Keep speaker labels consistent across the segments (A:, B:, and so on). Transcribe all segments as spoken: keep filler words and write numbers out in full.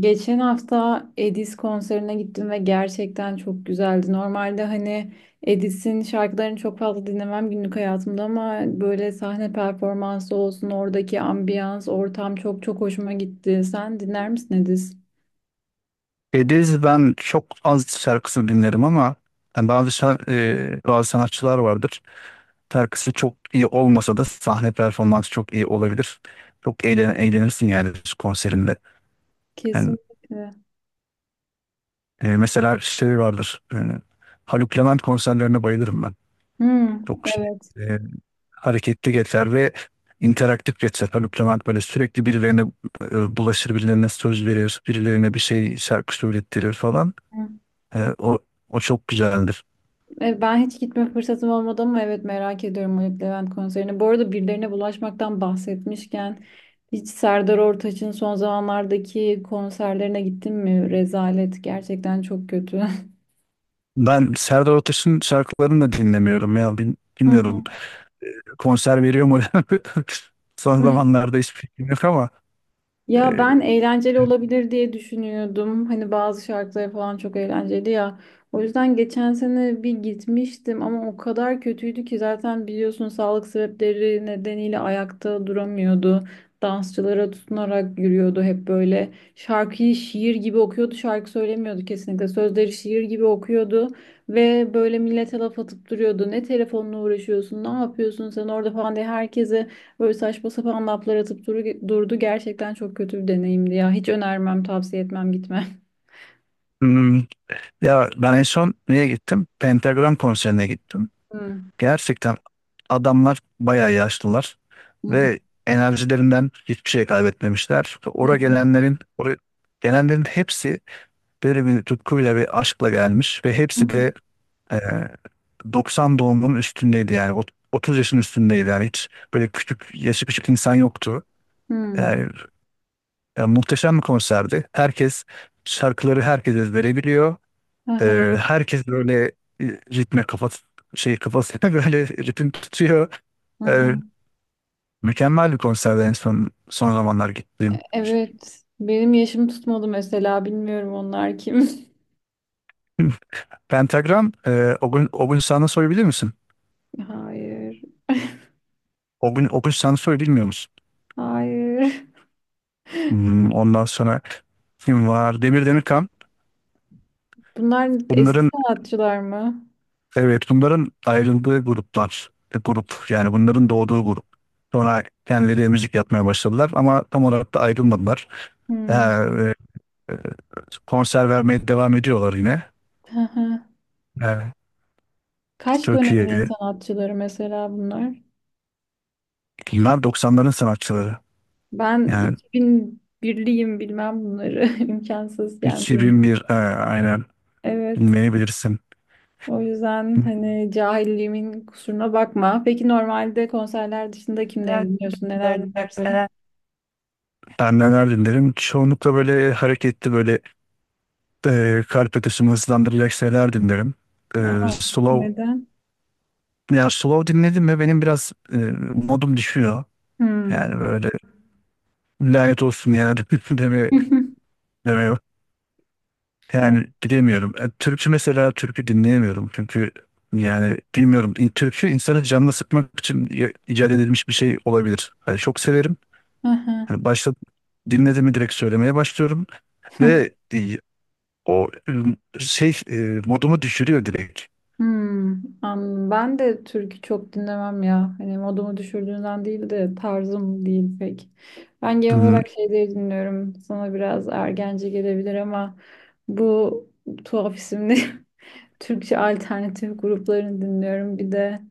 A: Geçen hafta Edis konserine gittim ve gerçekten çok güzeldi. Normalde hani Edis'in şarkılarını çok fazla dinlemem günlük hayatımda ama böyle sahne performansı olsun, oradaki ambiyans, ortam çok çok hoşuma gitti. Sen dinler misin Edis?
B: Ediz ben çok az şarkısını dinlerim ama yani bazı şar- e, bazı sanatçılar vardır. Şarkısı çok iyi olmasa da sahne performansı çok iyi olabilir. Çok eğlen eğlenirsin yani konserinde. Yani
A: Kesinlikle.
B: e, Mesela şey vardır. e, Haluk Levent konserlerine bayılırım ben.
A: Hmm,
B: Çok şey,
A: evet.
B: e, Hareketli geçer ve interaktif geçer. Haluk Levent böyle sürekli birilerine e, bulaşır, birilerine söz verir, birilerine bir şey şarkı söylettirir falan. E, o o çok güzeldir.
A: E, Ben hiç gitme fırsatım olmadı ama evet merak ediyorum Haluk Levent konserini. Bu arada birilerine bulaşmaktan bahsetmişken hiç Serdar Ortaç'ın son zamanlardaki konserlerine gittin mi? Rezalet, gerçekten çok kötü.
B: Ben Serdar Ortaç'ın şarkılarını da dinlemiyorum ya. Bil-
A: Hı
B: Bilmiyorum,
A: hı.
B: konser veriyor mu? Son zamanlarda hiçbir fikrim yok ama
A: Ya
B: e,
A: ben eğlenceli olabilir diye düşünüyordum. Hani bazı şarkıları falan çok eğlenceli ya. O yüzden geçen sene bir gitmiştim ama o kadar kötüydü ki, zaten biliyorsun, sağlık sebepleri nedeniyle ayakta duramıyordu. Dansçılara tutunarak yürüyordu hep böyle. Şarkıyı şiir gibi okuyordu, şarkı söylemiyordu kesinlikle. Sözleri şiir gibi okuyordu ve böyle millete laf atıp duruyordu. Ne telefonla uğraşıyorsun, ne yapıyorsun sen orada falan diye herkese böyle saçma sapan laflar atıp duru- durdu. Gerçekten çok kötü bir deneyimdi ya. Hiç önermem, tavsiye etmem, gitme.
B: hmm, ya ben en son neye gittim? Pentagram konserine gittim.
A: Hı.
B: Gerçekten adamlar bayağı yaşlılar
A: Hı hı.
B: ve enerjilerinden hiçbir şey kaybetmemişler.
A: Hı
B: Oraya
A: hı.
B: gelenlerin, oraya gelenlerin hepsi böyle bir tutkuyla ve aşkla gelmiş ve hepsi
A: Hı.
B: de e, doksan doğumunun üstündeydi yani. Ot- otuz yaşın üstündeydi yani. Hiç böyle küçük, yaşı küçük insan yoktu. Yani, yani muhteşem bir konserdi. Herkes şarkıları herkes ezbere biliyor.
A: Hı hı.
B: Ee, herkes böyle e, ritme kafası şey kafasına böyle ritim tutuyor.
A: Hı hı.
B: Ee, Mükemmel bir konserdi en son son zamanlar gittiğim.
A: Evet. Benim yaşım tutmadı mesela. Bilmiyorum onlar kim.
B: Pentagram, e, o gün o gün sana sorabilir misin?
A: Hayır.
B: O gün o gün sana sorabilir, bilmiyor musun?
A: Hayır.
B: Hmm, ondan sonra kim var? Demir Demirkan.
A: Bunlar eski
B: Bunların
A: sanatçılar mı?
B: Evet, bunların ayrıldığı gruplar, e, grup, yani bunların doğduğu grup. Sonra kendileri müzik yapmaya başladılar ama tam olarak da ayrılmadılar. Ee,
A: Hmm.
B: e, Konser vermeye devam ediyorlar yine.
A: Hı hı.
B: Ee,
A: Kaç dönemin
B: Türkiye'ye.
A: sanatçıları mesela bunlar?
B: Bunlar doksanların sanatçıları.
A: Ben
B: Yani
A: iki bin bir liyim, bilmem bunları. İmkansız yani.
B: iki bin bir, e, aynen,
A: Evet.
B: bilmeyebilirsin.
A: O yüzden hani cahilliğimin kusuruna bakma. Peki normalde konserler dışında kimleri dinliyorsun? Neler dinlersin?
B: Ben neler dinlerim? Çoğunlukla böyle hareketli, böyle e, kalp atışımı hızlandıracak şeyler dinlerim. E,
A: Ya,
B: slow.
A: neden?
B: Ya slow dinledim mi benim biraz e, modum düşüyor.
A: Hmm.
B: Yani böyle "lanet olsun" yani deme demiyor.
A: Evet.
B: Yani bilemiyorum. E, Türkçü Mesela türkü dinleyemiyorum çünkü yani bilmiyorum. İ- Türkü insanı canına sıkmak için i- icat edilmiş bir şey olabilir. Yani çok severim.
A: Aha.
B: Hani başta dinledim mi direkt söylemeye başlıyorum ve e, o e, şey e, modumu düşürüyor direkt.
A: Hmm. Am- Ben de türkü çok dinlemem ya. Hani modumu düşürdüğünden değil de tarzım değil pek. Ben genel
B: Hmm.
A: olarak şeyleri dinliyorum. Sana biraz ergence gelebilir ama bu tuhaf isimli Türkçe alternatif gruplarını dinliyorum. Bir de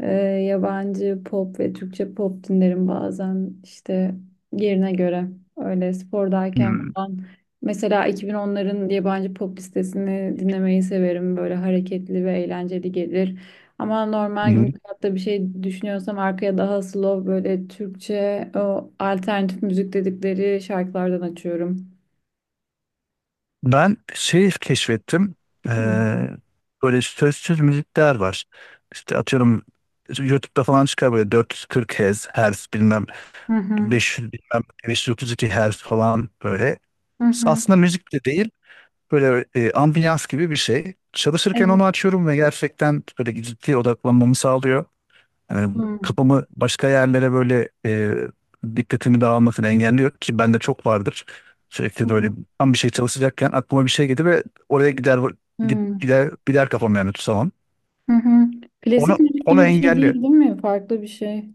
A: Ee, yabancı pop ve Türkçe pop dinlerim bazen işte, yerine göre, öyle spordayken
B: Hmm,
A: falan. Mesela iki bin onların yabancı pop listesini dinlemeyi severim. Böyle hareketli ve eğlenceli gelir. Ama normal günlük hayatta bir şey düşünüyorsam arkaya daha slow böyle Türkçe, o alternatif müzik dedikleri şarkılardan açıyorum.
B: ben şey keşfettim.
A: Hı
B: Eee, böyle sözsüz müzikler var. İşte atıyorum, YouTube'da falan çıkar böyle dört yüz kırk Hz, Hz bilmem
A: hı hı.
B: beş yüz, bilmem beş yüz otuz iki Hz falan böyle.
A: hı hı.
B: Aslında müzik de değil. Böyle e, ambiyans gibi bir şey. Çalışırken
A: Evet.
B: onu açıyorum ve gerçekten böyle ciddi odaklanmamı sağlıyor. Yani
A: Hı hı.
B: kafamı başka yerlere böyle e, dikkatimi dağılmasını engelliyor ki bende çok vardır. Sürekli
A: Hı
B: böyle tam bir şey çalışacakken aklıma bir şey gelir ve oraya gider, git-
A: hı.
B: gider gider kafam yani, tutamam.
A: Hı hı.
B: Onu
A: Klasik müzik
B: Onu
A: gibi bir şey değil,
B: engelliyor.
A: değil mi? Farklı bir şey.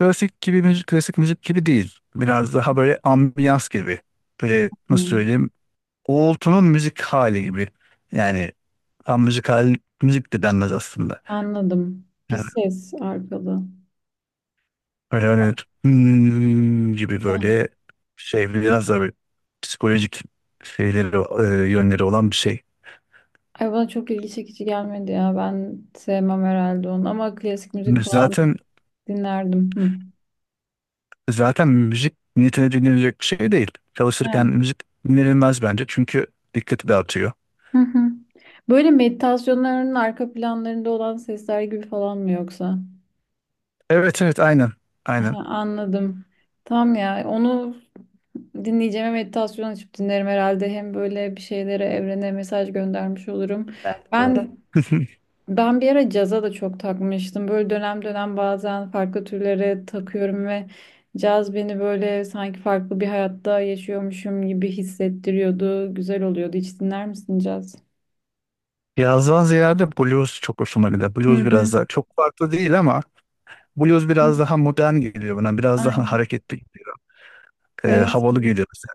B: Klasik gibi müzik, klasik müzik gibi değil. Biraz daha böyle ambiyans gibi. Böyle
A: Hı,
B: nasıl söyleyeyim? Uğultunun müzik hali gibi. Yani tam müzik hali müzik de denmez aslında.
A: anladım. Bir ses arkalı.
B: Öyle hani "Hmm" gibi,
A: Ah,
B: böyle şey biraz da böyle psikolojik şeyleri e, yönleri olan bir şey.
A: ay bana çok ilgi çekici gelmedi ya. Ben sevmem herhalde onu ama klasik müzik falan
B: Zaten
A: dinlerdim. Hı.
B: zaten müzik niyetine dinlenecek bir şey değil.
A: Ha,
B: Çalışırken müzik dinlenilmez bence çünkü dikkati dağıtıyor.
A: hı hı. Böyle meditasyonların arka planlarında olan sesler gibi falan mı yoksa?
B: Evet, evet, aynen
A: Ha,
B: aynen.
A: anladım. Tamam ya. Onu dinleyeceğime meditasyon açıp dinlerim herhalde. Hem böyle bir şeylere, evrene mesaj göndermiş olurum.
B: Doğru.
A: Ben Ben bir ara caza da çok takmıştım. Böyle dönem dönem bazen farklı türlere takıyorum ve caz beni böyle sanki farklı bir hayatta yaşıyormuşum gibi hissettiriyordu. Güzel oluyordu. Hiç dinler misin caz?
B: Yazdan ziyade blues çok hoşuma gidiyor.
A: Hı
B: Blues
A: hı.
B: biraz daha çok farklı değil ama blues
A: Evet.
B: biraz daha modern geliyor bana. Biraz daha
A: Aynen.
B: hareketli geliyor. Ee,
A: Evet.
B: havalı geliyor mesela.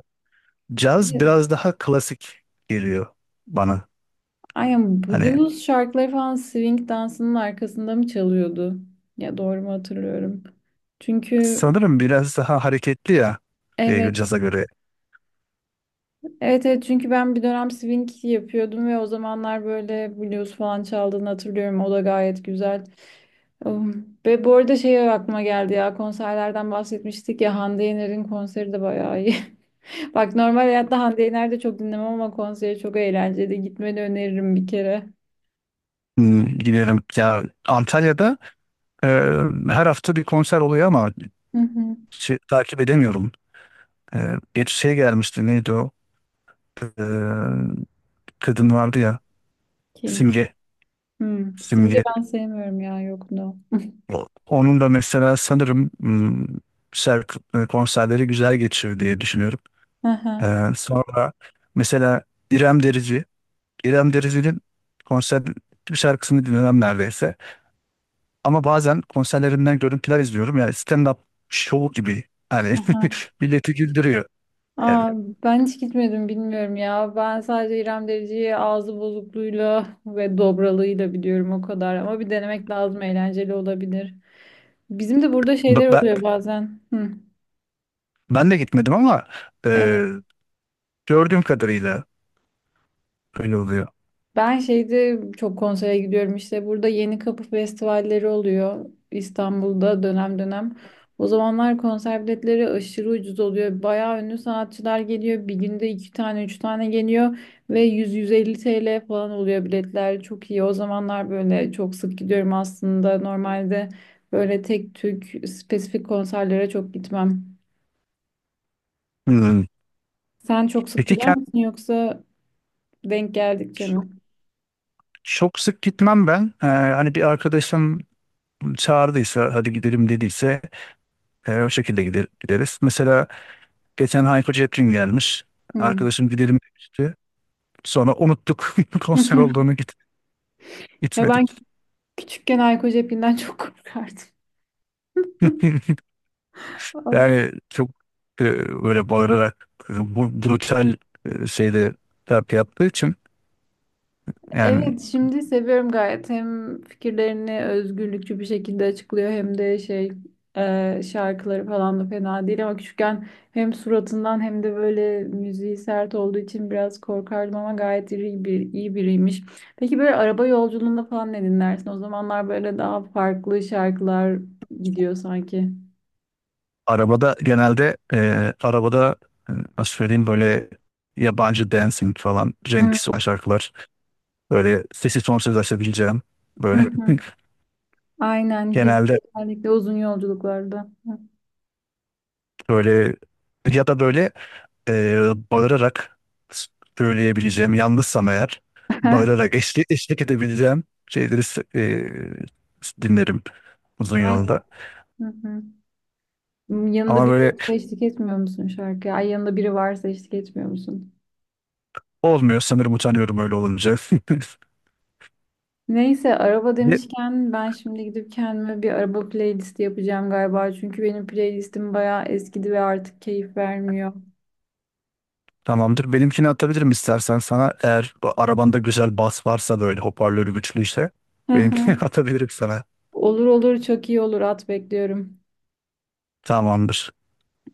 A: Bir
B: Caz
A: de
B: biraz daha klasik geliyor bana.
A: Aynen.
B: Hani
A: Blues şarkıları falan swing dansının arkasında mı çalıyordu? Ya doğru mu hatırlıyorum? Çünkü
B: sanırım biraz daha hareketli ya, e,
A: evet
B: caza göre.
A: Evet evet, çünkü ben bir dönem swing yapıyordum ve o zamanlar böyle blues falan çaldığını hatırlıyorum. O da gayet güzel. Um, Ve bu arada şey aklıma geldi, ya konserlerden bahsetmiştik ya, Hande Yener'in konseri de bayağı iyi. Bak, normal hayatta Hande Yener de çok dinlemem ama konseri çok eğlenceli. Gitmeni öneririm bir kere.
B: Hmm, giderim ya. Antalya'da e, her hafta bir konser oluyor ama
A: Hı hı.
B: şey, takip edemiyorum. E, geç şey gelmişti, neydi o? E, Kadın vardı ya,
A: Kim?
B: Simge.
A: Hmm. Simge
B: Simge.
A: ben sevmiyorum ya, yok, no.
B: O- Onun da mesela sanırım, hmm, ser- e, konserleri güzel geçiyor diye düşünüyorum. Ee, sonra mesela İrem Derici, İrem Derici'nin konser bir şarkısını dinlemem neredeyse. Ama bazen konserlerinden görüntüler izliyorum. Yani stand-up show gibi. Hani
A: Hı hı.
B: milleti güldürüyor. Evet.
A: Aa, ben hiç gitmedim, bilmiyorum ya. Ben sadece İrem Derici'yi ağzı bozukluğuyla ve dobralığıyla biliyorum, o kadar. Ama bir denemek lazım, eğlenceli olabilir. Bizim de burada
B: Ba-
A: şeyler
B: ba-
A: oluyor bazen. Hı.
B: Ben de gitmedim ama e, gördüğüm kadarıyla öyle oluyor.
A: Ben şeyde çok konsere gidiyorum işte, burada Yeni Kapı festivalleri oluyor İstanbul'da dönem dönem. O zamanlar konser biletleri aşırı ucuz oluyor. Bayağı ünlü sanatçılar geliyor. Bir günde iki tane, üç tane geliyor ve yüz yüz elli T L falan oluyor biletler. Çok iyi. O zamanlar böyle çok sık gidiyorum aslında. Normalde böyle tek tük spesifik konserlere çok gitmem.
B: Hmm.
A: Sen çok sık
B: Peki
A: gider
B: kent
A: misin, yoksa denk geldikçe
B: çok,
A: mi?
B: çok sık gitmem ben. Ee, hani bir arkadaşım çağırdıysa, hadi gidelim dediyse e, o şekilde gider, gideriz. Mesela geçen Hayko Cepkin gelmiş.
A: Hmm.
B: Arkadaşım gidelim demişti. Sonra unuttuk konser olduğunu, git,
A: Ya ben
B: gitmedik.
A: Küçükken alkol cepinden çok korkardım.
B: Yani çok e, böyle bağırarak, e, bu brutal e, şeyde terapi yaptığı için yani.
A: Evet, şimdi seviyorum gayet. Hem fikirlerini özgürlükçü bir şekilde açıklıyor hem de şey, e, şarkıları falan da fena değil ama küçükken hem suratından hem de böyle müziği sert olduğu için biraz korkardım ama gayet iyi bir iyi biriymiş. Peki böyle araba yolculuğunda falan ne dinlersin? O zamanlar böyle daha farklı şarkılar gidiyor sanki.
B: Arabada genelde e, arabada e, nasıl söyleyeyim, böyle yabancı dancing falan
A: Hı
B: Cenkisi olan şarkılar, böyle sesi sonsuz açabileceğim
A: hı.
B: böyle,
A: hı. Aynen,
B: genelde
A: kesinlikle uzun yolculuklarda.
B: böyle, ya da böyle, e, bağırarak söyleyebileceğim yalnızsam eğer, bağırarak eşlik, eşlik edebileceğim şeyleri s- e, dinlerim uzun
A: Aynen.
B: yolda.
A: Hı hı. Hmm, yanında
B: Ama
A: biri
B: böyle
A: yoksa eşlik etmiyor musun şarkıya? Ay, yanında biri varsa eşlik etmiyor musun?
B: olmuyor sanırım, utanıyorum öyle olunca.
A: Neyse, araba demişken ben şimdi gidip kendime bir araba playlisti yapacağım galiba. Çünkü benim playlistim bayağı eskidi ve artık keyif vermiyor.
B: Tamamdır. Benimkini atabilirim istersen sana. Eğer bu arabanda güzel bas varsa, böyle hoparlörü güçlü ise
A: Hı
B: benimkini
A: hı.
B: atabilirim sana.
A: Olur olur, çok iyi olur, at, bekliyorum.
B: Tamamdır.